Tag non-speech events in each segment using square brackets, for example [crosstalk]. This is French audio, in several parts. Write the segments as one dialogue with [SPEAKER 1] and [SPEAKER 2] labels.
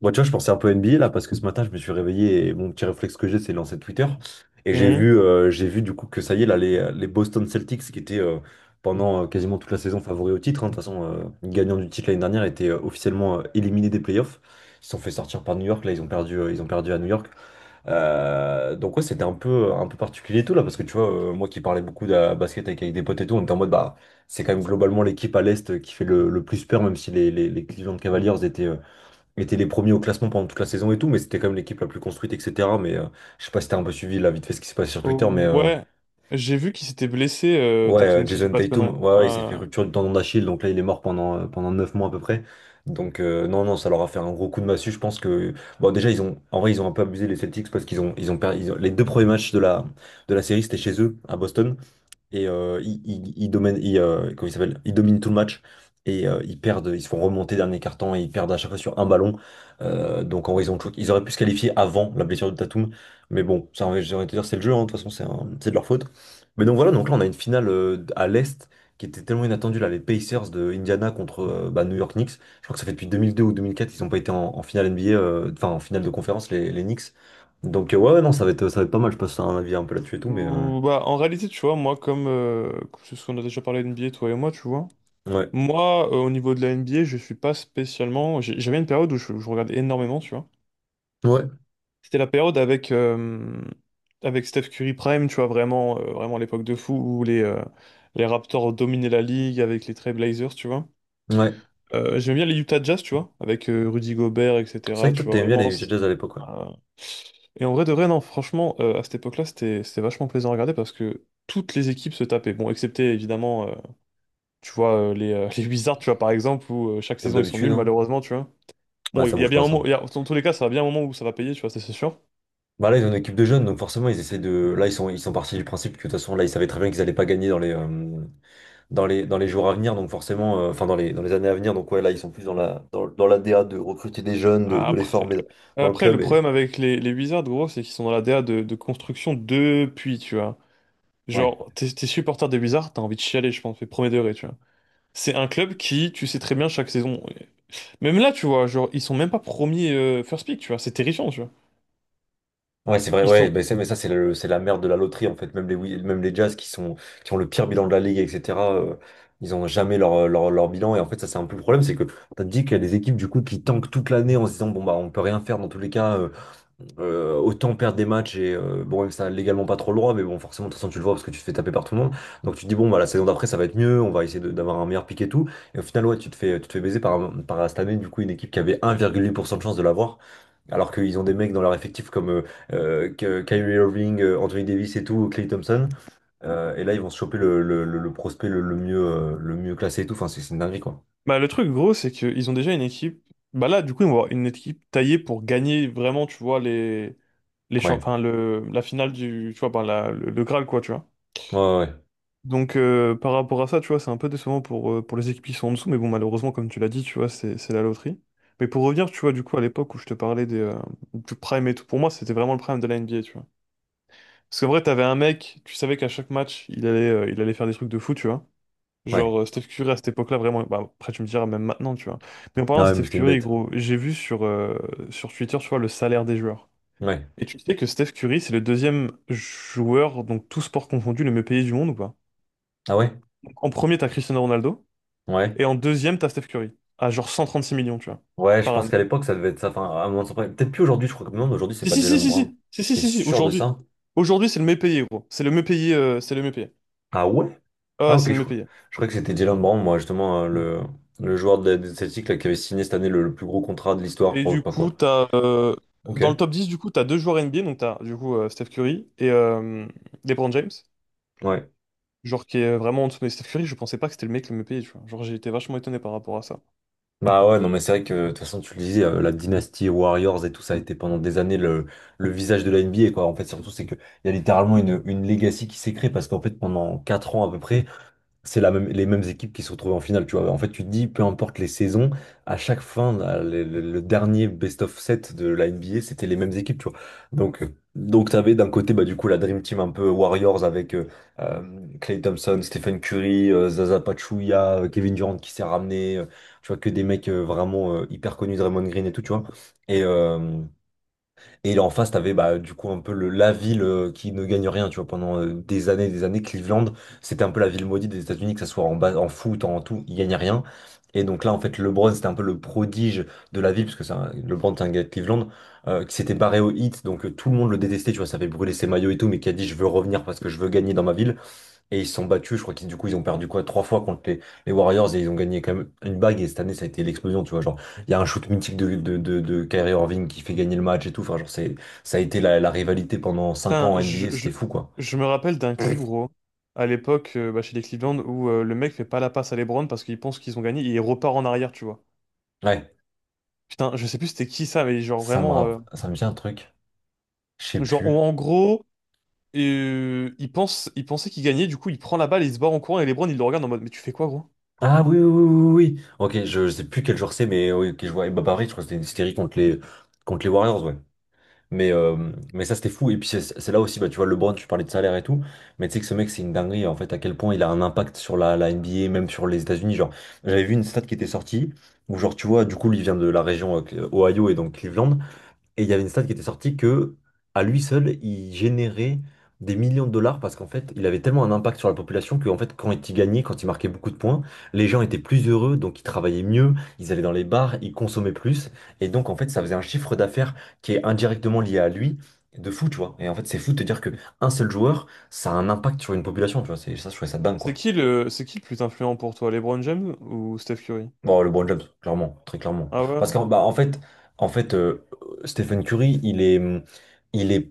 [SPEAKER 1] Moi, tu vois, je pensais un peu NBA là parce que ce matin, je me suis réveillé et mon petit réflexe que j'ai, c'est de lancer Twitter. Et
[SPEAKER 2] Mhm.
[SPEAKER 1] j'ai vu du coup que ça y est, là, les Boston Celtics qui étaient pendant quasiment toute la saison favoris au titre, hein. De toute façon, le gagnant du titre l'année dernière était officiellement éliminé des playoffs. Ils se sont fait sortir par New York. Là, ils ont perdu à New York. Donc, ouais, c'était un peu particulier et tout là parce que tu vois, moi qui parlais beaucoup de la basket avec des potes et tout, on était en mode bah, c'est quand même globalement l'équipe à l'Est qui fait le plus peur, même si les Cleveland Cavaliers étaient, étaient les premiers au classement pendant toute la saison et tout, mais c'était quand même l'équipe la plus construite, etc. Mais je sais pas si t'as un peu suivi là vite fait ce qui se passe sur Twitter, mais
[SPEAKER 2] Ouais, j'ai vu qu'il s'était blessé,
[SPEAKER 1] ouais,
[SPEAKER 2] Tatum, si j'ai
[SPEAKER 1] Jason
[SPEAKER 2] pas de
[SPEAKER 1] Tatum,
[SPEAKER 2] conneries.
[SPEAKER 1] ouais, ouais, il s'est fait rupture du tendon d'Achille, donc là il est mort pendant 9 mois à peu près. Donc non, non, ça leur a fait un gros coup de massue, je pense que... Bon, déjà ils ont... En vrai, ils ont un peu abusé, les Celtics, parce qu'ils ont perdu. Les deux premiers matchs de la série, c'était chez eux, à Boston, et ils dominent, comment il s'appelle? Ils dominent tout le match et ils perdent, ils se font remonter dernier carton et ils perdent à chaque fois sur un ballon. Donc en vrai, ils ont choqué. Ils auraient pu se qualifier avant la blessure de Tatum, mais bon, ça, j'ai envie de te dire, c'est le jeu, hein, de toute façon, c'est de leur faute. Mais donc voilà, donc là, on a une finale à l'Est qui était tellement inattendue, là, les Pacers de Indiana contre bah, New York Knicks. Je crois que ça fait depuis 2002 ou 2004, ils n'ont pas été en finale NBA, enfin en finale de conférence, les Knicks. Donc ouais, ouais, non, ça va être pas mal, je passe un avis un peu là-dessus et tout, mais
[SPEAKER 2] Bah, en réalité, tu vois, moi, comme, comme c'est ce qu'on a déjà parlé NBA, toi et moi, tu vois,
[SPEAKER 1] ouais.
[SPEAKER 2] moi, au niveau de la NBA, je suis pas spécialement. J'avais une période où je regardais énormément, tu vois.
[SPEAKER 1] Ouais.
[SPEAKER 2] C'était la période avec, avec Steph Curry Prime, tu vois, vraiment, vraiment l'époque de fou où les Raptors dominaient la ligue avec les Trail Blazers, tu vois.
[SPEAKER 1] Ouais.
[SPEAKER 2] J'aime bien les Utah Jazz, tu vois, avec Rudy Gobert,
[SPEAKER 1] C'est
[SPEAKER 2] etc.,
[SPEAKER 1] vrai que
[SPEAKER 2] tu
[SPEAKER 1] toi,
[SPEAKER 2] vois,
[SPEAKER 1] t'aimais bien
[SPEAKER 2] vraiment.
[SPEAKER 1] les Jazz à l'époque, ouais.
[SPEAKER 2] Et en vrai de vrai, non, franchement, à cette époque-là, c'était vachement plaisant à regarder parce que toutes les équipes se tapaient. Bon, excepté évidemment, tu vois, [laughs] les Wizards, tu vois, par exemple, où chaque
[SPEAKER 1] Comme
[SPEAKER 2] saison ils sont
[SPEAKER 1] d'habitude,
[SPEAKER 2] nuls,
[SPEAKER 1] hein.
[SPEAKER 2] malheureusement, tu vois.
[SPEAKER 1] Ouais,
[SPEAKER 2] Bon,
[SPEAKER 1] ça
[SPEAKER 2] il y a
[SPEAKER 1] bouge
[SPEAKER 2] bien
[SPEAKER 1] pas,
[SPEAKER 2] un moment,
[SPEAKER 1] ça.
[SPEAKER 2] dans tous les cas, ça va bien un moment où ça va payer, tu vois, ça, c'est sûr.
[SPEAKER 1] Bah là, ils ont une équipe de jeunes, donc forcément, ils essaient de... Là, ils sont partis du principe que de toute façon, là, ils savaient très bien qu'ils allaient pas gagner dans les, dans les jours à venir, donc forcément, enfin, dans dans les années à venir. Donc, ouais, là, ils sont plus dans la l'ADA de recruter des jeunes, de les
[SPEAKER 2] Après,
[SPEAKER 1] former dans le
[SPEAKER 2] après,
[SPEAKER 1] club.
[SPEAKER 2] le
[SPEAKER 1] Et
[SPEAKER 2] problème avec les Wizards, gros, c'est qu'ils sont dans la DA de construction depuis, tu vois.
[SPEAKER 1] ouais.
[SPEAKER 2] Genre, t'es supporter des Wizards, t'as envie de chialer, je pense, mais premier degré, tu vois. C'est un club qui, tu sais très bien, chaque saison. Même là, tu vois, genre, ils sont même pas premiers first pick, tu vois, c'est terrifiant, tu vois.
[SPEAKER 1] Ouais, c'est vrai,
[SPEAKER 2] Ils
[SPEAKER 1] ouais,
[SPEAKER 2] sont.
[SPEAKER 1] mais ça, c'est la merde de la loterie, en fait. Même même les Jazz qui ont le pire bilan de la ligue, etc., ils ont jamais leur, leur bilan. Et en fait, ça, c'est un peu le problème, c'est que t'as dit qu'il y a des équipes, du coup, qui tankent toute l'année en se disant, bon, bah, on peut rien faire dans tous les cas, autant perdre des matchs et bon, ça a légalement pas trop le droit, mais bon, forcément, de toute façon, tu le vois parce que tu te fais taper par tout le monde. Donc, tu te dis, bon, bah, la saison d'après, ça va être mieux, on va essayer d'avoir un meilleur pic et tout. Et au final, ouais, tu te fais baiser par cette année, du coup, une équipe qui avait 1,8% de chance de l'avoir, alors qu'ils ont des mecs dans leur effectif comme Kyrie Irving, Anthony Davis et tout, Klay Thompson. Et là, ils vont se choper le prospect le mieux classé et tout. Enfin, c'est une dinguerie, quoi.
[SPEAKER 2] Bah, le truc gros, c'est qu'ils ont déjà une équipe. Bah là, du coup, ils vont avoir une équipe taillée pour gagner vraiment, tu vois, les. Les champs...
[SPEAKER 1] Ouais,
[SPEAKER 2] enfin, le... la finale du. Tu vois, bah, la... le Graal, quoi, tu vois.
[SPEAKER 1] ouais, ouais, ouais.
[SPEAKER 2] Donc, par rapport à ça, tu vois, c'est un peu décevant pour les équipes qui sont en dessous. Mais bon, malheureusement, comme tu l'as dit, tu vois, c'est la loterie. Mais pour revenir, tu vois, du coup, à l'époque où je te parlais des, du prime et tout, pour moi, c'était vraiment le prime de la NBA, tu vois. Parce qu'en vrai, t'avais un mec, tu savais qu'à chaque match, il allait faire des trucs de fou, tu vois.
[SPEAKER 1] Ouais.
[SPEAKER 2] Genre, Steph Curry à cette époque-là, vraiment, bah, après tu me diras même maintenant, tu vois. Mais en parlant
[SPEAKER 1] Ah
[SPEAKER 2] de
[SPEAKER 1] ouais, mais
[SPEAKER 2] Steph
[SPEAKER 1] c'était une
[SPEAKER 2] Curry,
[SPEAKER 1] bête.
[SPEAKER 2] gros, j'ai vu sur, sur Twitter, tu vois, le salaire des joueurs.
[SPEAKER 1] Ouais.
[SPEAKER 2] Et tu sais que Steph Curry, c'est le deuxième joueur, donc tout sport confondu, le mieux payé du monde ou pas?
[SPEAKER 1] Ah ouais?
[SPEAKER 2] En premier, t'as Cristiano Ronaldo,
[SPEAKER 1] Ouais.
[SPEAKER 2] et en deuxième, t'as Steph Curry, à genre 136 millions, tu vois,
[SPEAKER 1] Ouais, je
[SPEAKER 2] par
[SPEAKER 1] pense
[SPEAKER 2] année.
[SPEAKER 1] qu'à l'époque, ça devait être ça. Enfin, à un moment, peut-être plus aujourd'hui, je crois que non, mais aujourd'hui, c'est
[SPEAKER 2] Si,
[SPEAKER 1] pas
[SPEAKER 2] si, si,
[SPEAKER 1] Jalen
[SPEAKER 2] si, si,
[SPEAKER 1] Brown.
[SPEAKER 2] si, si,
[SPEAKER 1] T'es
[SPEAKER 2] si, si,
[SPEAKER 1] sûr de
[SPEAKER 2] aujourd'hui.
[SPEAKER 1] ça?
[SPEAKER 2] Aujourd'hui, c'est le mieux payé, gros. C'est le mieux payé, c'est le mieux payé.
[SPEAKER 1] Ah ouais?
[SPEAKER 2] Ah,
[SPEAKER 1] Ah
[SPEAKER 2] ouais, c'est
[SPEAKER 1] ok,
[SPEAKER 2] le
[SPEAKER 1] je
[SPEAKER 2] mieux
[SPEAKER 1] crois.
[SPEAKER 2] payé.
[SPEAKER 1] Je crois que c'était Jalen Brown, moi, justement, le joueur des Celtics là, qui avait signé cette année le plus gros contrat de l'histoire, je
[SPEAKER 2] Et
[SPEAKER 1] crois, ou
[SPEAKER 2] du
[SPEAKER 1] pas
[SPEAKER 2] coup,
[SPEAKER 1] quoi. Ok.
[SPEAKER 2] dans le top 10 du coup, tu as deux joueurs NBA. Donc, tu as du coup Steph Curry et LeBron James.
[SPEAKER 1] Ouais.
[SPEAKER 2] Genre, qui est vraiment en dessous. Mais Steph Curry, je pensais pas que c'était le mec le mieux payé. Tu vois. Genre, j'ai été vachement étonné par rapport à ça.
[SPEAKER 1] Bah ouais, non, mais c'est vrai que, de toute façon, tu le disais, la dynastie Warriors et tout, ça a été pendant des années le visage de la NBA, quoi. En fait, surtout, c'est que il y a littéralement une legacy qui s'est créée parce qu'en fait, pendant 4 ans à peu près, c'est la même, les mêmes équipes qui se retrouvent en finale, tu vois. En fait, tu te dis, peu importe les saisons, à chaque fin, le dernier best of set de la NBA, c'était les mêmes équipes, tu vois. Donc tu avais d'un côté, bah, du coup, la Dream Team un peu Warriors avec euh, Klay Thompson, Stephen Curry, Zaza Pachulia, Kevin Durant qui s'est ramené, tu vois, que des mecs vraiment hyper connus, Draymond Green et tout, tu vois. Et, euh, et en face, t'avais bah, du coup un peu la ville qui ne gagne rien, tu vois, pendant des années et des années. Cleveland, c'était un peu la ville maudite des États-Unis, que ça soit en foot, en tout, il gagnait rien. Et donc là, en fait, LeBron, c'était un peu le prodige de la ville, parce que LeBron, c'est un gars de Cleveland, qui s'était barré au hit, donc tout le monde le détestait, tu vois, ça avait brûlé ses maillots et tout, mais qui a dit, je veux revenir parce que je veux gagner dans ma ville. Et ils se sont battus, je crois qu'ils du coup ils ont perdu quoi trois fois contre les Warriors et ils ont gagné quand même une bague et cette année ça a été l'explosion, tu vois. Genre, il y a un shoot mythique de Kyrie Irving qui fait gagner le match et tout. Enfin, genre, ça a été la rivalité pendant cinq
[SPEAKER 2] Putain,
[SPEAKER 1] ans en NBA, c'était fou quoi.
[SPEAKER 2] je me rappelle d'un clip, gros, à l'époque, bah, chez les Cleveland, où le mec fait pas la passe à LeBron parce qu'il pense qu'ils ont gagné et il repart en arrière, tu vois.
[SPEAKER 1] Ouais,
[SPEAKER 2] Putain, je sais plus c'était qui ça, mais genre vraiment.
[SPEAKER 1] ça me vient un truc, je sais
[SPEAKER 2] Genre,
[SPEAKER 1] plus.
[SPEAKER 2] en gros. Il pensait qu'il gagnait, du coup il prend la balle, il se barre en courant et LeBron il le regarde en mode mais tu fais quoi gros?
[SPEAKER 1] Ah oui, oui, oui, oui, oui. Ok, je sais plus quel joueur c'est, mais oui, ok, je vois Ibaka, je crois que c'était une série contre contre les Warriors, ouais. Mais, euh, mais ça, c'était fou. Et puis, c'est là aussi, bah, tu vois, LeBron, tu parlais de salaire et tout. Mais tu sais que ce mec, c'est une dinguerie, en fait, à quel point il a un impact sur la NBA, même sur les États-Unis. Genre, j'avais vu une stat qui était sortie, où, genre, tu vois, du coup, lui, il vient de la région Ohio et donc Cleveland. Et il y avait une stat qui était sortie que, à lui seul, il générait des millions de dollars parce qu'en fait, il avait tellement un impact sur la population que, en fait, quand il gagnait, quand il marquait beaucoup de points, les gens étaient plus heureux, donc ils travaillaient mieux, ils allaient dans les bars, ils consommaient plus. Et donc, en fait, ça faisait un chiffre d'affaires qui est indirectement lié à lui, de fou, tu vois. Et en fait, c'est fou de te dire que un seul joueur, ça a un impact sur une population, tu vois. C'est ça, je trouvais ça dingue, quoi.
[SPEAKER 2] C'est qui le plus influent pour toi, LeBron James ou Steph Curry?
[SPEAKER 1] Bon, LeBron James, clairement, très clairement.
[SPEAKER 2] Ah ouais?
[SPEAKER 1] Parce qu'en bah, en fait, Stephen Curry, il est,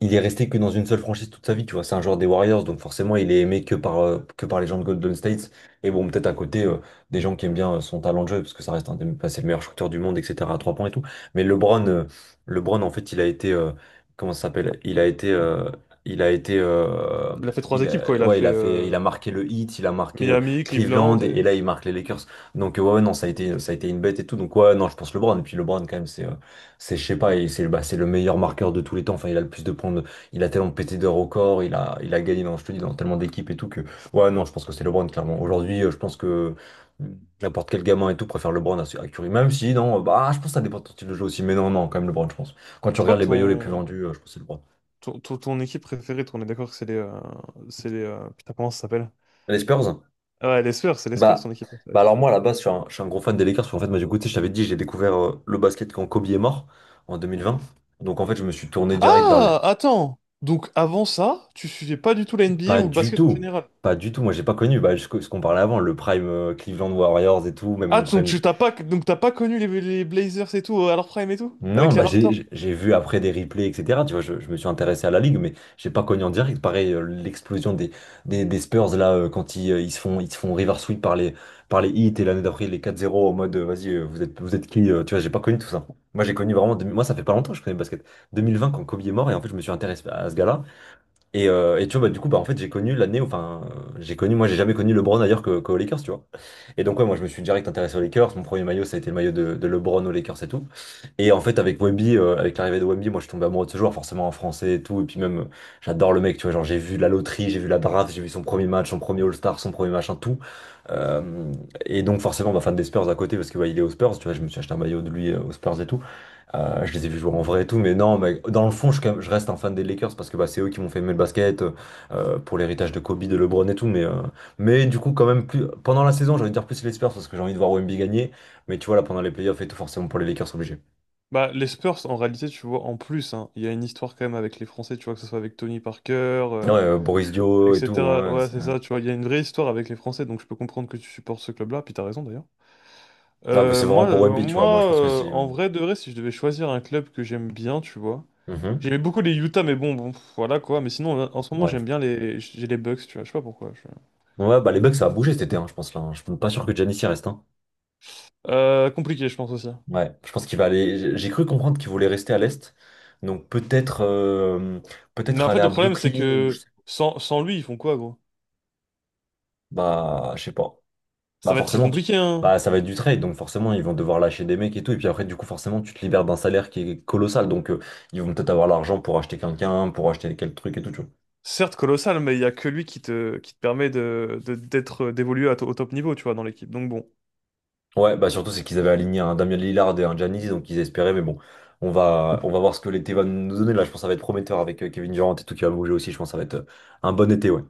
[SPEAKER 1] il est resté que dans une seule franchise toute sa vie, tu vois. C'est un joueur des Warriors, donc forcément, il est aimé que par les gens de Golden State. Et bon, peut-être à côté, des gens qui aiment bien son talent de jeu, parce que ça reste un des, bah, c'est le meilleur shooter du monde, etc., à 3 points et tout. Mais LeBron, en fait, comment ça s'appelle? Il a été, il a été,
[SPEAKER 2] Il a fait trois
[SPEAKER 1] il
[SPEAKER 2] équipes, quoi.
[SPEAKER 1] a,
[SPEAKER 2] Il a
[SPEAKER 1] ouais,
[SPEAKER 2] fait
[SPEAKER 1] il a marqué le Heat, il a marqué
[SPEAKER 2] Miami,
[SPEAKER 1] Cleveland,
[SPEAKER 2] Cleveland
[SPEAKER 1] et
[SPEAKER 2] et...
[SPEAKER 1] là, il marque les Lakers. Donc, ouais, ouais, non, ça a été une bête et tout. Donc ouais, non, je pense LeBron. Et puis LeBron, quand même, c'est, je sais pas, et c'est bah, c'est le meilleur marqueur de tous les temps. Enfin, il a le plus de points. Il a tellement pété de records, il a gagné, dans, je te dis, dans tellement d'équipes et tout que ouais, non, je pense que c'est LeBron, clairement. Aujourd'hui, je pense que n'importe quel gamin et tout préfère LeBron à Curry. Même si, non, bah, je pense que ça dépend de ton style de jeu aussi. Mais non, non, quand même LeBron, je pense. Quand tu
[SPEAKER 2] Toi,
[SPEAKER 1] regardes les maillots les plus
[SPEAKER 2] ton,
[SPEAKER 1] vendus, je pense que c'est LeBron.
[SPEAKER 2] ton, ton, Ton équipe préférée, on est d'accord que c'est les Putain, comment ça s'appelle?
[SPEAKER 1] Les Spurs?
[SPEAKER 2] Ah ouais, les Spurs, c'est les Spurs,
[SPEAKER 1] Bah,
[SPEAKER 2] ton équipe préférée.
[SPEAKER 1] bah, alors moi à la base je suis un gros fan des Lakers parce qu'en fait moi du coup tu sais, je t'avais dit j'ai découvert le basket quand Kobe est mort en 2020. Donc en fait, je me suis tourné direct vers les...
[SPEAKER 2] Ah! Attends! Donc, avant ça, tu suivais pas du tout la NBA
[SPEAKER 1] Pas
[SPEAKER 2] ou le
[SPEAKER 1] du
[SPEAKER 2] basket en
[SPEAKER 1] tout,
[SPEAKER 2] général?
[SPEAKER 1] pas du tout. Moi j'ai pas connu bah, ce qu'on parlait avant le prime, Cleveland Warriors et tout, même
[SPEAKER 2] Ah,
[SPEAKER 1] le
[SPEAKER 2] donc
[SPEAKER 1] prime.
[SPEAKER 2] tu t'as pas, donc t'as pas connu les Blazers et tout, à leur prime et tout?
[SPEAKER 1] Non,
[SPEAKER 2] Avec les
[SPEAKER 1] bah
[SPEAKER 2] Raptors?
[SPEAKER 1] j'ai vu après des replays, etc. Tu vois, je me suis intéressé à la ligue, mais j'ai pas connu en direct. Pareil, l'explosion des Spurs là, quand ils se font river sweep par les Heat, et l'année d'après, les 4-0 en mode vas-y, vous êtes qui, tu vois, j'ai pas connu tout ça. Moi j'ai connu vraiment deux- mille moi ça fait pas longtemps que je connais le basket. 2020 quand Kobe est mort, et en fait je me suis intéressé à ce gars-là. Et tu vois, bah, du coup, bah, en fait, j'ai connu l'année, où- enfin, moi, j'ai jamais connu LeBron ailleurs qu'aux Lakers, tu vois. Et donc, ouais, moi, je me suis direct intéressé aux Lakers. Mon premier maillot, ça a été le maillot de LeBron aux Lakers et tout. Et en fait, avec avec l'arrivée de Wemby, moi, je suis tombé amoureux de ce joueur, forcément en français et tout. Et puis même, j'adore le mec, tu vois. Genre, j'ai vu la loterie, j'ai vu la draft, j'ai vu son premier match, son premier All-Star, son premier machin, tout. Euh, et donc, forcément, bah, fan des Spurs à côté, parce que, ouais, il est aux Spurs, tu vois. Je me suis acheté un maillot de lui aux Spurs et tout. Je les ai vus jouer en vrai et tout, mais non, mais dans le fond, je reste un fan des Lakers parce que bah, c'est eux qui m'ont fait aimer le basket, pour l'héritage de Kobe, de LeBron et tout. Mais du coup, quand même, plus, pendant la saison, j'ai envie de dire plus les Spurs parce que j'ai envie de voir OMB gagner. Mais tu vois, là, pendant les playoffs et tout, forcément pour les Lakers, obligé.
[SPEAKER 2] Bah, les Spurs, en réalité, tu vois, en plus, hein, il y a une histoire quand même avec les Français, tu vois, que ce soit avec Tony Parker,
[SPEAKER 1] Ouais, Boris Dio et tout.
[SPEAKER 2] etc.
[SPEAKER 1] Ouais,
[SPEAKER 2] Ouais,
[SPEAKER 1] c'est
[SPEAKER 2] c'est ça, tu vois, il y a une vraie histoire avec les Français, donc je peux comprendre que tu supportes ce club-là, puis t'as raison d'ailleurs.
[SPEAKER 1] ah, mais c'est vraiment pour OMB, tu vois. Moi, je
[SPEAKER 2] Moi
[SPEAKER 1] pense que si.
[SPEAKER 2] en vrai de vrai, si je devais choisir un club que j'aime bien, tu vois,
[SPEAKER 1] Mhm.
[SPEAKER 2] j'aimais beaucoup les Utah, mais bon, bon, pff, voilà quoi, mais sinon, en ce moment,
[SPEAKER 1] Ouais.
[SPEAKER 2] j'aime bien les, j'ai les Bucks, tu vois, je sais pas pourquoi. Je-
[SPEAKER 1] Ouais, bah les Bucks, ça a bougé cet été, hein, je pense là, hein. Je suis pas sûr que Giannis y reste, hein.
[SPEAKER 2] Compliqué, je pense aussi.
[SPEAKER 1] Ouais, je pense qu'il va aller. J'ai cru comprendre qu'il voulait rester à l'Est. Donc peut-être euh,
[SPEAKER 2] Mais
[SPEAKER 1] peut-être
[SPEAKER 2] en
[SPEAKER 1] aller
[SPEAKER 2] fait,
[SPEAKER 1] à
[SPEAKER 2] le problème, c'est
[SPEAKER 1] Brooklyn, ou je
[SPEAKER 2] que
[SPEAKER 1] sais,
[SPEAKER 2] sans lui, ils font quoi, gros?
[SPEAKER 1] bah je sais pas.
[SPEAKER 2] Ça
[SPEAKER 1] Bah
[SPEAKER 2] va être très
[SPEAKER 1] forcément
[SPEAKER 2] compliqué, hein.
[SPEAKER 1] bah ça va être du trade, donc forcément ils vont devoir lâcher des mecs et tout, et puis après du coup forcément tu te libères d'un salaire qui est colossal, donc ils vont peut-être avoir l'argent pour acheter quelqu'un, pour acheter quel truc et tout, tu
[SPEAKER 2] Certes colossal, mais il y a que lui qui te, d'être, d'évoluer au top niveau, tu vois, dans l'équipe. Donc bon,
[SPEAKER 1] vois. Ouais, bah surtout c'est qu'ils avaient aligné un Damien Lillard et un Giannis donc ils espéraient, mais bon, on va voir ce que l'été va nous donner là. Je pense que ça va être prometteur avec Kevin Durant et tout qui va bouger aussi, je pense que ça va être un bon été, ouais.